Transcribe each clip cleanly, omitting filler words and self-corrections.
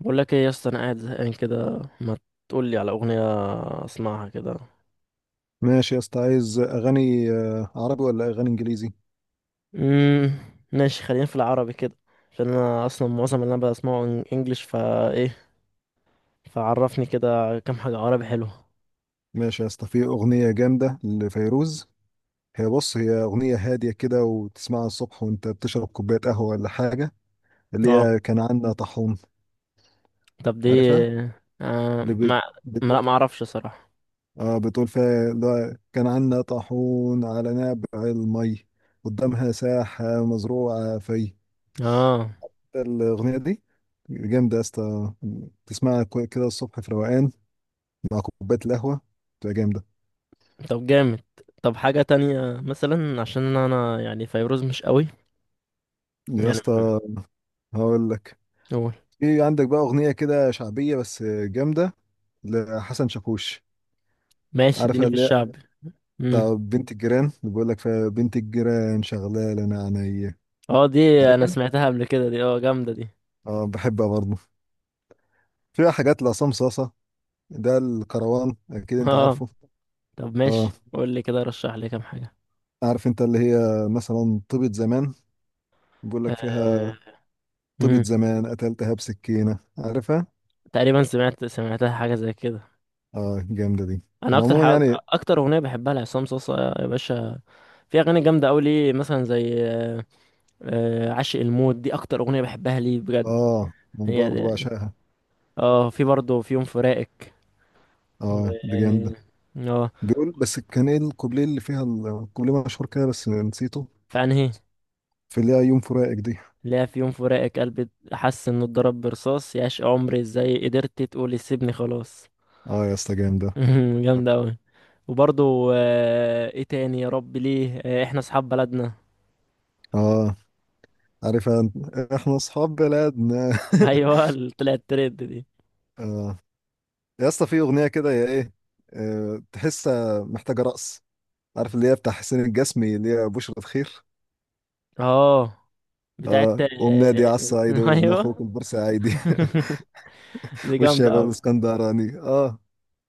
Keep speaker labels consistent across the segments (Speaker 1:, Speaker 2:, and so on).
Speaker 1: بقول لك ايه يا اسطى؟ انا قاعد زهقان كده، ما تقول لي على اغنيه اسمعها كده.
Speaker 2: ماشي يا اسطى، عايز اغاني عربي ولا اغاني انجليزي؟
Speaker 1: امم ماشي، خلينا في العربي كده، عشان انا اصلا معظم اللي انا بسمعه انجليش، فا ايه؟ فعرفني كده كام حاجه عربي حلوه.
Speaker 2: ماشي يا اسطى، في اغنيه جامده لفيروز. هي، بص، هي اغنيه هاديه كده، وتسمعها الصبح وانت بتشرب كوبايه قهوه ولا حاجه. اللي هي
Speaker 1: اه،
Speaker 2: كان عندنا طاحون.
Speaker 1: طب دي؟
Speaker 2: عارفها؟
Speaker 1: آه
Speaker 2: اللي بت...
Speaker 1: ما ما
Speaker 2: بت...
Speaker 1: لا، ما اعرفش صراحه.
Speaker 2: بتقول فيها اللي هو كان عندنا طاحون على نبع المي، قدامها ساحه مزروعه في...
Speaker 1: اه،
Speaker 2: الاغنيه دي جامده يا اسطى. تسمعها كده الصبح في روقان، مع كوبايه القهوه، تبقى جامده.
Speaker 1: طب جامد. طب حاجه تانية مثلا، عشان انا يعني فيروز مش قوي،
Speaker 2: يا
Speaker 1: يعني. مهم،
Speaker 2: اسطى، هقول لك.
Speaker 1: قول.
Speaker 2: في عندك بقى اغنيه كده شعبيه بس جامده، لحسن شاكوش.
Speaker 1: ماشي، اديني
Speaker 2: عارفها؟
Speaker 1: في
Speaker 2: اللي هي
Speaker 1: الشعب. امم
Speaker 2: بتاع بنت الجيران، اللي بيقول لك فيها بنت الجيران شغاله انا عينيا.
Speaker 1: اه، دي. انا
Speaker 2: عارفها؟
Speaker 1: سمعتها قبل كده دي، اه، جامده دي.
Speaker 2: اه، بحبها برضه. فيها حاجات لعصام صاصه. ده الكروان، اكيد انت
Speaker 1: اه،
Speaker 2: عارفه.
Speaker 1: طب
Speaker 2: اه،
Speaker 1: ماشي، قول لي كده، رشح لي كام حاجة.
Speaker 2: عارف انت اللي هي، مثلا، طيبة زمان؟ بيقول لك
Speaker 1: أه...
Speaker 2: فيها طيبة
Speaker 1: مم.
Speaker 2: زمان قتلتها بسكينه، عارفها؟
Speaker 1: تقريبا سمعتها حاجة زي كده.
Speaker 2: اه، جامده دي.
Speaker 1: انا
Speaker 2: انا
Speaker 1: اكتر
Speaker 2: عموما
Speaker 1: حاجة،
Speaker 2: يعني...
Speaker 1: اكتر اغنية بحبها لعصام صاصا يا باشا. في اغاني جامدة قوي ليه، مثلا زي آه، عاشق الموت. دي اكتر اغنية بحبها ليه بجد.
Speaker 2: اه، انا
Speaker 1: هي
Speaker 2: برضه
Speaker 1: دي.
Speaker 2: بعشقها.
Speaker 1: اه، في برضه في يوم فراقك. و
Speaker 2: اه، دي جامده.
Speaker 1: اه
Speaker 2: بيقول بس كان ايه الكوبليه اللي فيها الكوبليه مشهور كده، بس نسيته.
Speaker 1: في انهي؟
Speaker 2: في اللي هي يوم فراقك دي.
Speaker 1: لا، في يوم فراقك قلبي حس انه اتضرب برصاص، يا عشق عمري ازاي قدرت تقولي سيبني خلاص.
Speaker 2: اه يا اسطى، جامدة.
Speaker 1: جامدة أوي. وبرضو، ايه تاني يا رب؟ ليه، احنا اصحاب بلدنا.
Speaker 2: اه، عارف احنا اصحاب بلدنا.
Speaker 1: ايوه، اللي طلعت ترند دي.
Speaker 2: اه يا اسطى، في اغنية كده يا ايه، تحسها محتاجة رقص. عارف اللي هي بتاع حسين الجسمي، اللي هي بشرة خير؟
Speaker 1: اه، بتاعت
Speaker 2: اه، قوم نادي على الصعيد وابن اخوك
Speaker 1: ايوه.
Speaker 2: البورسعيدي
Speaker 1: دي جامدة
Speaker 2: والشباب
Speaker 1: أوي.
Speaker 2: الاسكندراني، اه.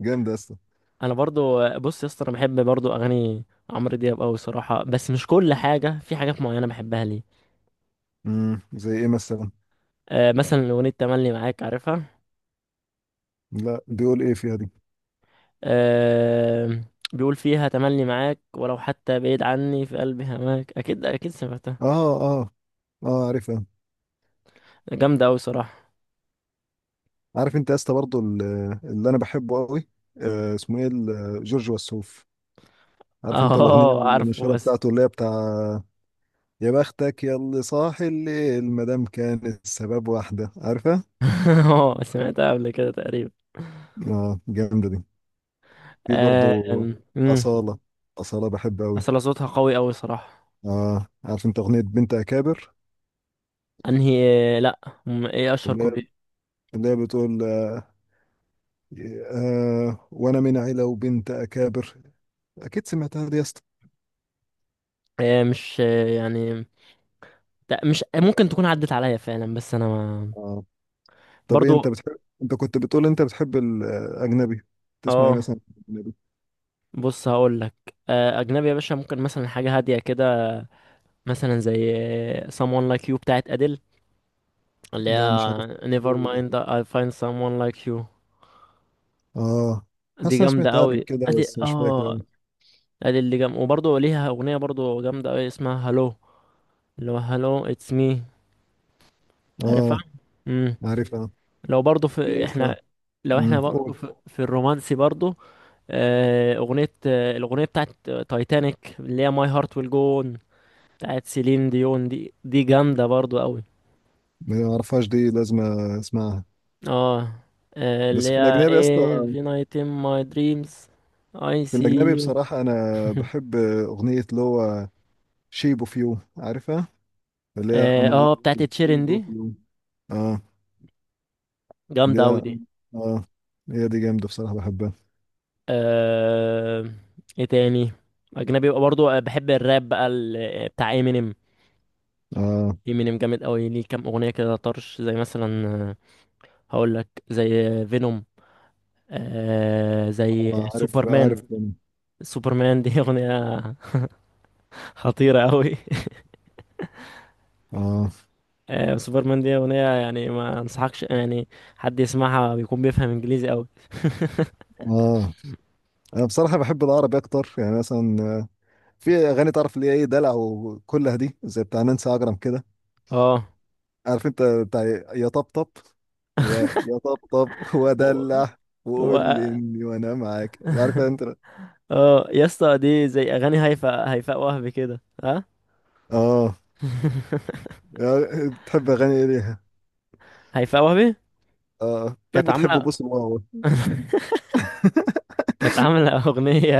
Speaker 2: جامدة يا اسطى.
Speaker 1: انا برضو، بص يا اسطى، انا بحب برضو اغاني عمرو دياب أوي صراحة، بس مش كل حاجة، في حاجات معينة بحبها ليه.
Speaker 2: زي ايه مثلا؟
Speaker 1: مثلا اغنية تملي معاك، عارفها؟
Speaker 2: لا، بيقول ايه فيها دي؟
Speaker 1: آه، بيقول فيها تملي معاك ولو حتى بعيد عني في قلبي هماك. اكيد اكيد سمعتها.
Speaker 2: اه، اه، اه، عارفها.
Speaker 1: جامدة أوي صراحة.
Speaker 2: عارف انت يا اسطى برضه اللي انا بحبه قوي، اسمه ايه جورج وسوف. عارف انت الاغنيه
Speaker 1: اه، عارفه،
Speaker 2: المشهوره
Speaker 1: بس.
Speaker 2: بتاعته، اللي هي بتاع يا بختك يا اللي صاحي الليل ما دام كان السبب واحده، عارفها؟
Speaker 1: اه، سمعتها قبل كده تقريبا.
Speaker 2: اه، جامده دي. في برضه
Speaker 1: أم، مم.
Speaker 2: اصاله. اصاله بحبها قوي.
Speaker 1: اصل صوتها قوي قوي صراحة.
Speaker 2: اه، عارف انت اغنيه بنت اكابر؟
Speaker 1: انهي؟ لا، ايه اشهر
Speaker 2: اللي هي
Speaker 1: كوبليه؟
Speaker 2: اللي هي بتقول وانا من عيله وبنت اكابر. اكيد سمعتها دي يا اسطى.
Speaker 1: مش، يعني، لا، مش ممكن تكون عدت عليا فعلا، بس انا، ما.
Speaker 2: آه. طب، ايه انت
Speaker 1: برضو،
Speaker 2: بتحب؟ انت كنت بتقول انت بتحب الاجنبي. تسمع ايه
Speaker 1: اه،
Speaker 2: مثلا، اجنبي؟
Speaker 1: بص هقول لك. اجنبي يا باشا، ممكن مثلا حاجة هادية كده، مثلا زي someone like you بتاعت اديل، اللي
Speaker 2: لا، مش عارف
Speaker 1: هي never
Speaker 2: الدور ده.
Speaker 1: mind I find someone like you.
Speaker 2: اه،
Speaker 1: دي
Speaker 2: حاسس انا
Speaker 1: جامدة
Speaker 2: سمعتها قبل
Speaker 1: قوي
Speaker 2: كده
Speaker 1: ادي.
Speaker 2: بس مش فاكر
Speaker 1: اه،
Speaker 2: أوي.
Speaker 1: ادي اللي جم. وبرضه ليها اغنيه برضه جامده قوي، اسمها هالو، اللي هو هالو اتس مي، عارفها؟
Speaker 2: اه،
Speaker 1: امم
Speaker 2: عارفها.
Speaker 1: لو برضه في
Speaker 2: ايه
Speaker 1: احنا،
Speaker 2: اصلا؟
Speaker 1: لو احنا برضه
Speaker 2: قول.
Speaker 1: في الرومانسي برضه، اغنيه، الاغنيه بتاعت تايتانيك، اللي هي ماي هارت ويل جو اون، بتاعت سيلين ديون. دي جامده برضه قوي.
Speaker 2: ما اعرفهاش دي، لازم اسمعها.
Speaker 1: اه، اللي
Speaker 2: بس في
Speaker 1: هي
Speaker 2: الاجنبي اصلا،
Speaker 1: every night in my dreams I
Speaker 2: في
Speaker 1: see
Speaker 2: الاجنبي
Speaker 1: you.
Speaker 2: بصراحه، انا بحب اغنيه اللي هو شيب اوف يو، عارفها؟ اللي هي I'm
Speaker 1: اه،
Speaker 2: in love
Speaker 1: بتاعت
Speaker 2: with
Speaker 1: تشيرين
Speaker 2: shape of
Speaker 1: دي.
Speaker 2: you. اه، اللي
Speaker 1: جامده قوي
Speaker 2: هي...
Speaker 1: دي.
Speaker 2: اه هي دي جامده بصراحه، بحبها.
Speaker 1: آه... ايه تاني؟ اجنبي بقى، برضو، بحب الراب بقى، بتاع امينيم.
Speaker 2: اه،
Speaker 1: امينيم جامد قوي ليه، كام اغنيه كده طرش، زي مثلا هقول لك، زي فينوم، آه، زي
Speaker 2: عارف عارف.
Speaker 1: سوبرمان. سوبرمان دي اغنيه خطيره قوي.
Speaker 2: اه،
Speaker 1: آه، سوبرمان دي اغنيه يعني ما انصحكش يعني حد يسمعها بيكون بيفهم انجليزي قوي.
Speaker 2: اه، انا بصراحه بحب العربي اكتر، يعني مثلا في اغاني تعرف اللي هي ايه، دلع وكلها دي زي بتاع نانسي عجرم كده.
Speaker 1: اه.
Speaker 2: عارف انت بتاع يا طبطب، يا طبطب
Speaker 1: و...
Speaker 2: ودلع، وقول
Speaker 1: و...
Speaker 2: لي اني وانا معاك، عارف انت.
Speaker 1: اه يا اسطى، دي زي اغاني هيفاء وهبي كده، ها؟
Speaker 2: اه، بتحب اغاني ايه ليها؟
Speaker 1: هيفاء وهبي
Speaker 2: اه، تلاقيك
Speaker 1: كانت
Speaker 2: بتحب
Speaker 1: عاملة
Speaker 2: بوس الواو.
Speaker 1: كانت عاملة أغنية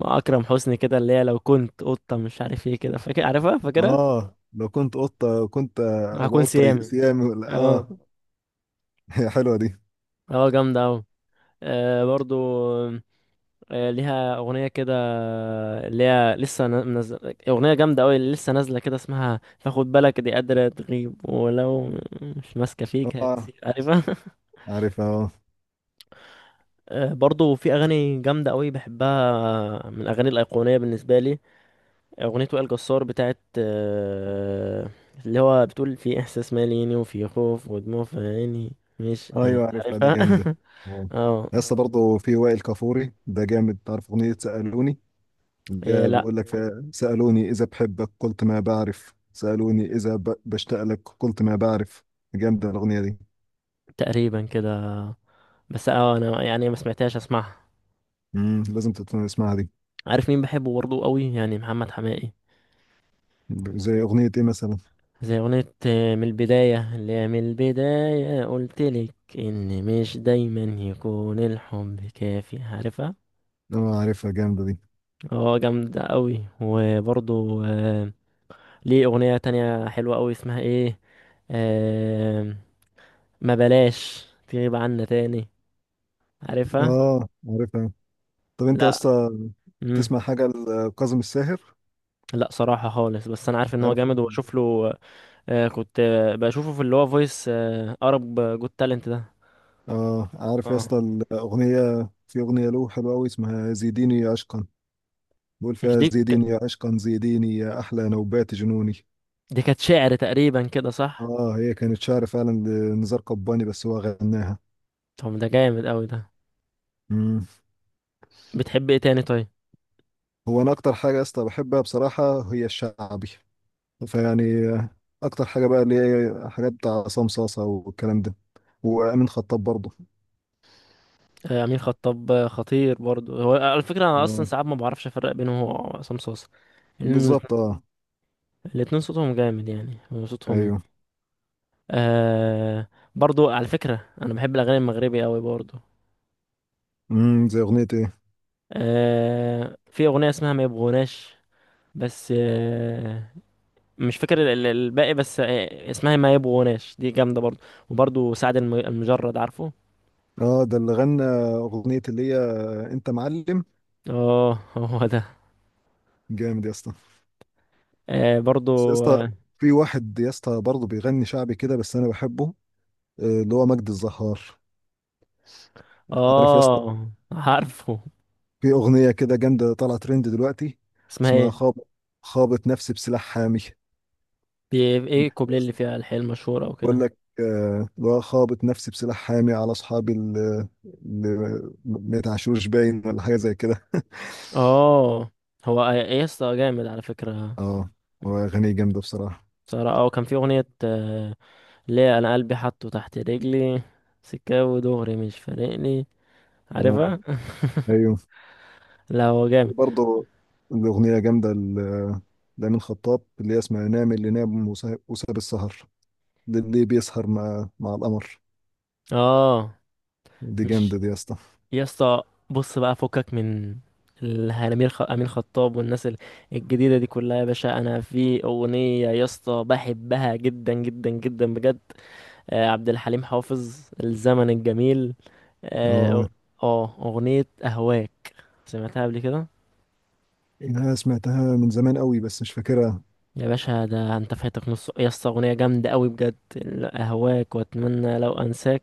Speaker 1: مع أكرم حسني كده، اللي هي لو كنت قطة، مش عارف ايه كده، فاكر؟ عارفها، فاكرها؟
Speaker 2: اه، لو كنت قطه كنت
Speaker 1: هكون
Speaker 2: ابقى قطه
Speaker 1: سيامي.
Speaker 2: سيامي ولا اه.
Speaker 1: اه،
Speaker 2: هي حلوه دي.
Speaker 1: اه، جامدة أوي. آه، برضو، ليها أغنية كده، اللي هي لسه منزل، أغنية جامدة أوي اللي لسه نازلة كده، اسمها فخد بالك. دي قادرة تغيب ولو مش ماسكة فيك
Speaker 2: اه،
Speaker 1: هتسيب، عارفها؟
Speaker 2: عارفها آه.
Speaker 1: آه، برضو في أغاني جامدة أوي بحبها، من الأغاني الأيقونية بالنسبة لي، أغنية وائل جسار بتاعت اللي هو بتقول في إحساس ماليني، وفي خوف ودموع في عيني، مش،
Speaker 2: ايوه، عارفها دي
Speaker 1: عارفها؟
Speaker 2: جامده. اه،
Speaker 1: اه.
Speaker 2: لسه برضه في وائل كفوري، ده جامد. تعرف اغنيه سالوني؟
Speaker 1: إيه،
Speaker 2: ده
Speaker 1: لأ،
Speaker 2: بيقول لك فيها سالوني اذا بحبك قلت ما بعرف، سالوني اذا بشتاق لك قلت ما بعرف. جامده الاغنيه دي.
Speaker 1: تقريبا كده، بس اه، أنا يعني ما سمعتهاش. أسمعها.
Speaker 2: لازم تسمعها دي.
Speaker 1: عارف مين بحبه برضه قوي يعني؟ محمد حماقي،
Speaker 2: زي اغنيه ايه مثلا؟
Speaker 1: زي أغنية من البداية، اللي هي من البداية قلتلك إن مش دايما يكون الحب كافي، عارفها؟
Speaker 2: اه، عارفها جامده دي.
Speaker 1: اه، جامدة قوي. وبرضه ليه أغنية تانية حلوة أوي، اسمها إيه، آه... ما بلاش تغيب عنا تاني، عارفها؟
Speaker 2: اه، عارفها. طب انت يا
Speaker 1: لا.
Speaker 2: اسطى،
Speaker 1: مم.
Speaker 2: تسمع حاجه لكاظم الساهر؟
Speaker 1: لا، صراحة خالص، بس أنا عارف إن هو
Speaker 2: عارف.
Speaker 1: جامد، وبشوف له. آه، كنت، بشوفه في اللي هو فويس، أرب جود تالنت ده.
Speaker 2: اه، عارف يا
Speaker 1: اه،
Speaker 2: اسطى الاغنيه، في اغنيه له حلوه قوي اسمها زيديني عشقا. بقول
Speaker 1: مش
Speaker 2: فيها
Speaker 1: دي
Speaker 2: زيديني يا عشقا، زيديني يا أحلى نوبات جنوني.
Speaker 1: دي كانت شعر تقريبا كده، صح؟
Speaker 2: آه، هي كانت شعر فعلا لنزار قباني بس هو غناها.
Speaker 1: طب ده جامد أوي ده.
Speaker 2: مم.
Speaker 1: بتحب إيه تاني طيب؟
Speaker 2: هو أنا أكتر حاجة يا اسطى بحبها بصراحة هي الشعبي. فيعني أكتر حاجة بقى اللي هي حاجات بتاع عصام صاصة والكلام ده، وأمين خطاب برضه.
Speaker 1: آه، أمين خطاب، خطير برضو. هو على فكرة أنا أصلا
Speaker 2: آه.
Speaker 1: ساعات ما بعرفش أفرق بينه وهو عصام صاصا، لأن
Speaker 2: بالظبط، آه.
Speaker 1: الاتنين صوتهم جامد يعني، صوتهم.
Speaker 2: أيوه.
Speaker 1: آه، برضو على فكرة أنا بحب الأغاني المغربي أوي برضو.
Speaker 2: مم. زي أغنية إيه؟
Speaker 1: آه، في أغنية اسمها ما يبغوناش، بس آه، مش فاكر الباقي، بس آه، اسمها ما يبغوناش، دي جامدة برضو. وبرضو سعد المجرد، عارفه؟
Speaker 2: آه، ده اللي غنى أغنية اللي هي أنت معلم.
Speaker 1: اه. هو ده.
Speaker 2: جامد يا اسطى.
Speaker 1: آه، برضو،
Speaker 2: بس يا اسطى،
Speaker 1: اه،
Speaker 2: في واحد يا اسطى برضه بيغني شعبي كده بس انا بحبه، اللي هو مجد الزهار. عارف يا اسطى؟
Speaker 1: عارفه.
Speaker 2: في اغنيه كده جامده طالعه ترند دلوقتي
Speaker 1: اسمها
Speaker 2: اسمها
Speaker 1: ايه؟
Speaker 2: خابط. خابط نفسي بسلاح حامي.
Speaker 1: ايه، الكوبليه اللي فيها الحيل المشهورة
Speaker 2: بقول
Speaker 1: وكده؟
Speaker 2: لك اللي هو خابط نفسي بسلاح حامي على اصحابي اللي ما يتعشوش، باين ولا حاجه زي كده.
Speaker 1: اه. هو ايه يا اسطى، جامد على فكرة.
Speaker 2: اه، هو اغاني جامده بصراحه.
Speaker 1: صراحة اه، كان في أغنية ليه انا قلبي حاطه تحت رجلي، سكاوي ودغري مش فارقني،
Speaker 2: آه،
Speaker 1: عارفها؟
Speaker 2: ايوه
Speaker 1: لا، هو جامد.
Speaker 2: برضه. الاغنيه جامده لأمين خطاب، اللي هي اسمها نام اللي نام وساب وساب السهر، للي بيسهر مع القمر.
Speaker 1: اه،
Speaker 2: دي جامده
Speaker 1: مش،
Speaker 2: دي يا اسطى.
Speaker 1: يا اسطى بص، بقى فكك من الامير امين خطاب والناس الجديده دي كلها يا باشا. انا في اغنيه يا اسطى بحبها جدا جدا جدا بجد، آه، عبد الحليم حافظ، الزمن الجميل. اه،
Speaker 2: اه،
Speaker 1: آه، اغنيه اهواك، سمعتها قبل كده؟
Speaker 2: يعني انا سمعتها من زمان قوي بس مش فاكرها.
Speaker 1: يا باشا ده انت فاتك نص، يا اسطى اغنيه جامده قوي بجد. اهواك واتمنى لو انساك،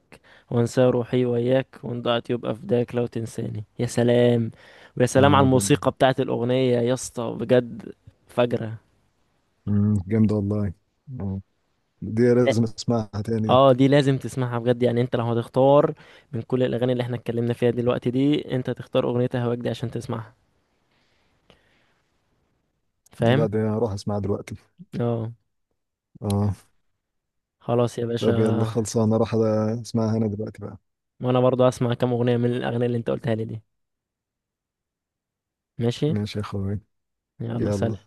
Speaker 1: وانسى روحي وياك، وان ضاعت يبقى فداك، لو تنساني، يا سلام. ويا سلام على
Speaker 2: اه، جامدة.
Speaker 1: الموسيقى بتاعت الاغنيه يا اسطى، بجد فجره.
Speaker 2: جامدة والله. اه، دي لازم
Speaker 1: لا،
Speaker 2: اسمعها تاني.
Speaker 1: اه، دي لازم تسمعها بجد. يعني انت لو هتختار من كل الاغاني اللي احنا اتكلمنا فيها دلوقتي دي، انت تختار اغنيه اهواك دي عشان تسمعها،
Speaker 2: دي. لا،
Speaker 1: فاهم؟
Speaker 2: دي هروح اسمعها دلوقتي.
Speaker 1: اه،
Speaker 2: اه.
Speaker 1: خلاص يا باشا.
Speaker 2: طب يلا، خلصانة اروح اسمعها انا دلوقتي بقى.
Speaker 1: وانا برضو هسمع كام اغنيه من الاغاني اللي انت قلتها لي دي. ماشي.
Speaker 2: ماشي يا اخوي.
Speaker 1: يلا،
Speaker 2: يلا،
Speaker 1: سلام.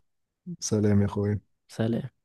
Speaker 2: سلام يا
Speaker 1: سلام.
Speaker 2: اخوي.
Speaker 1: سلام.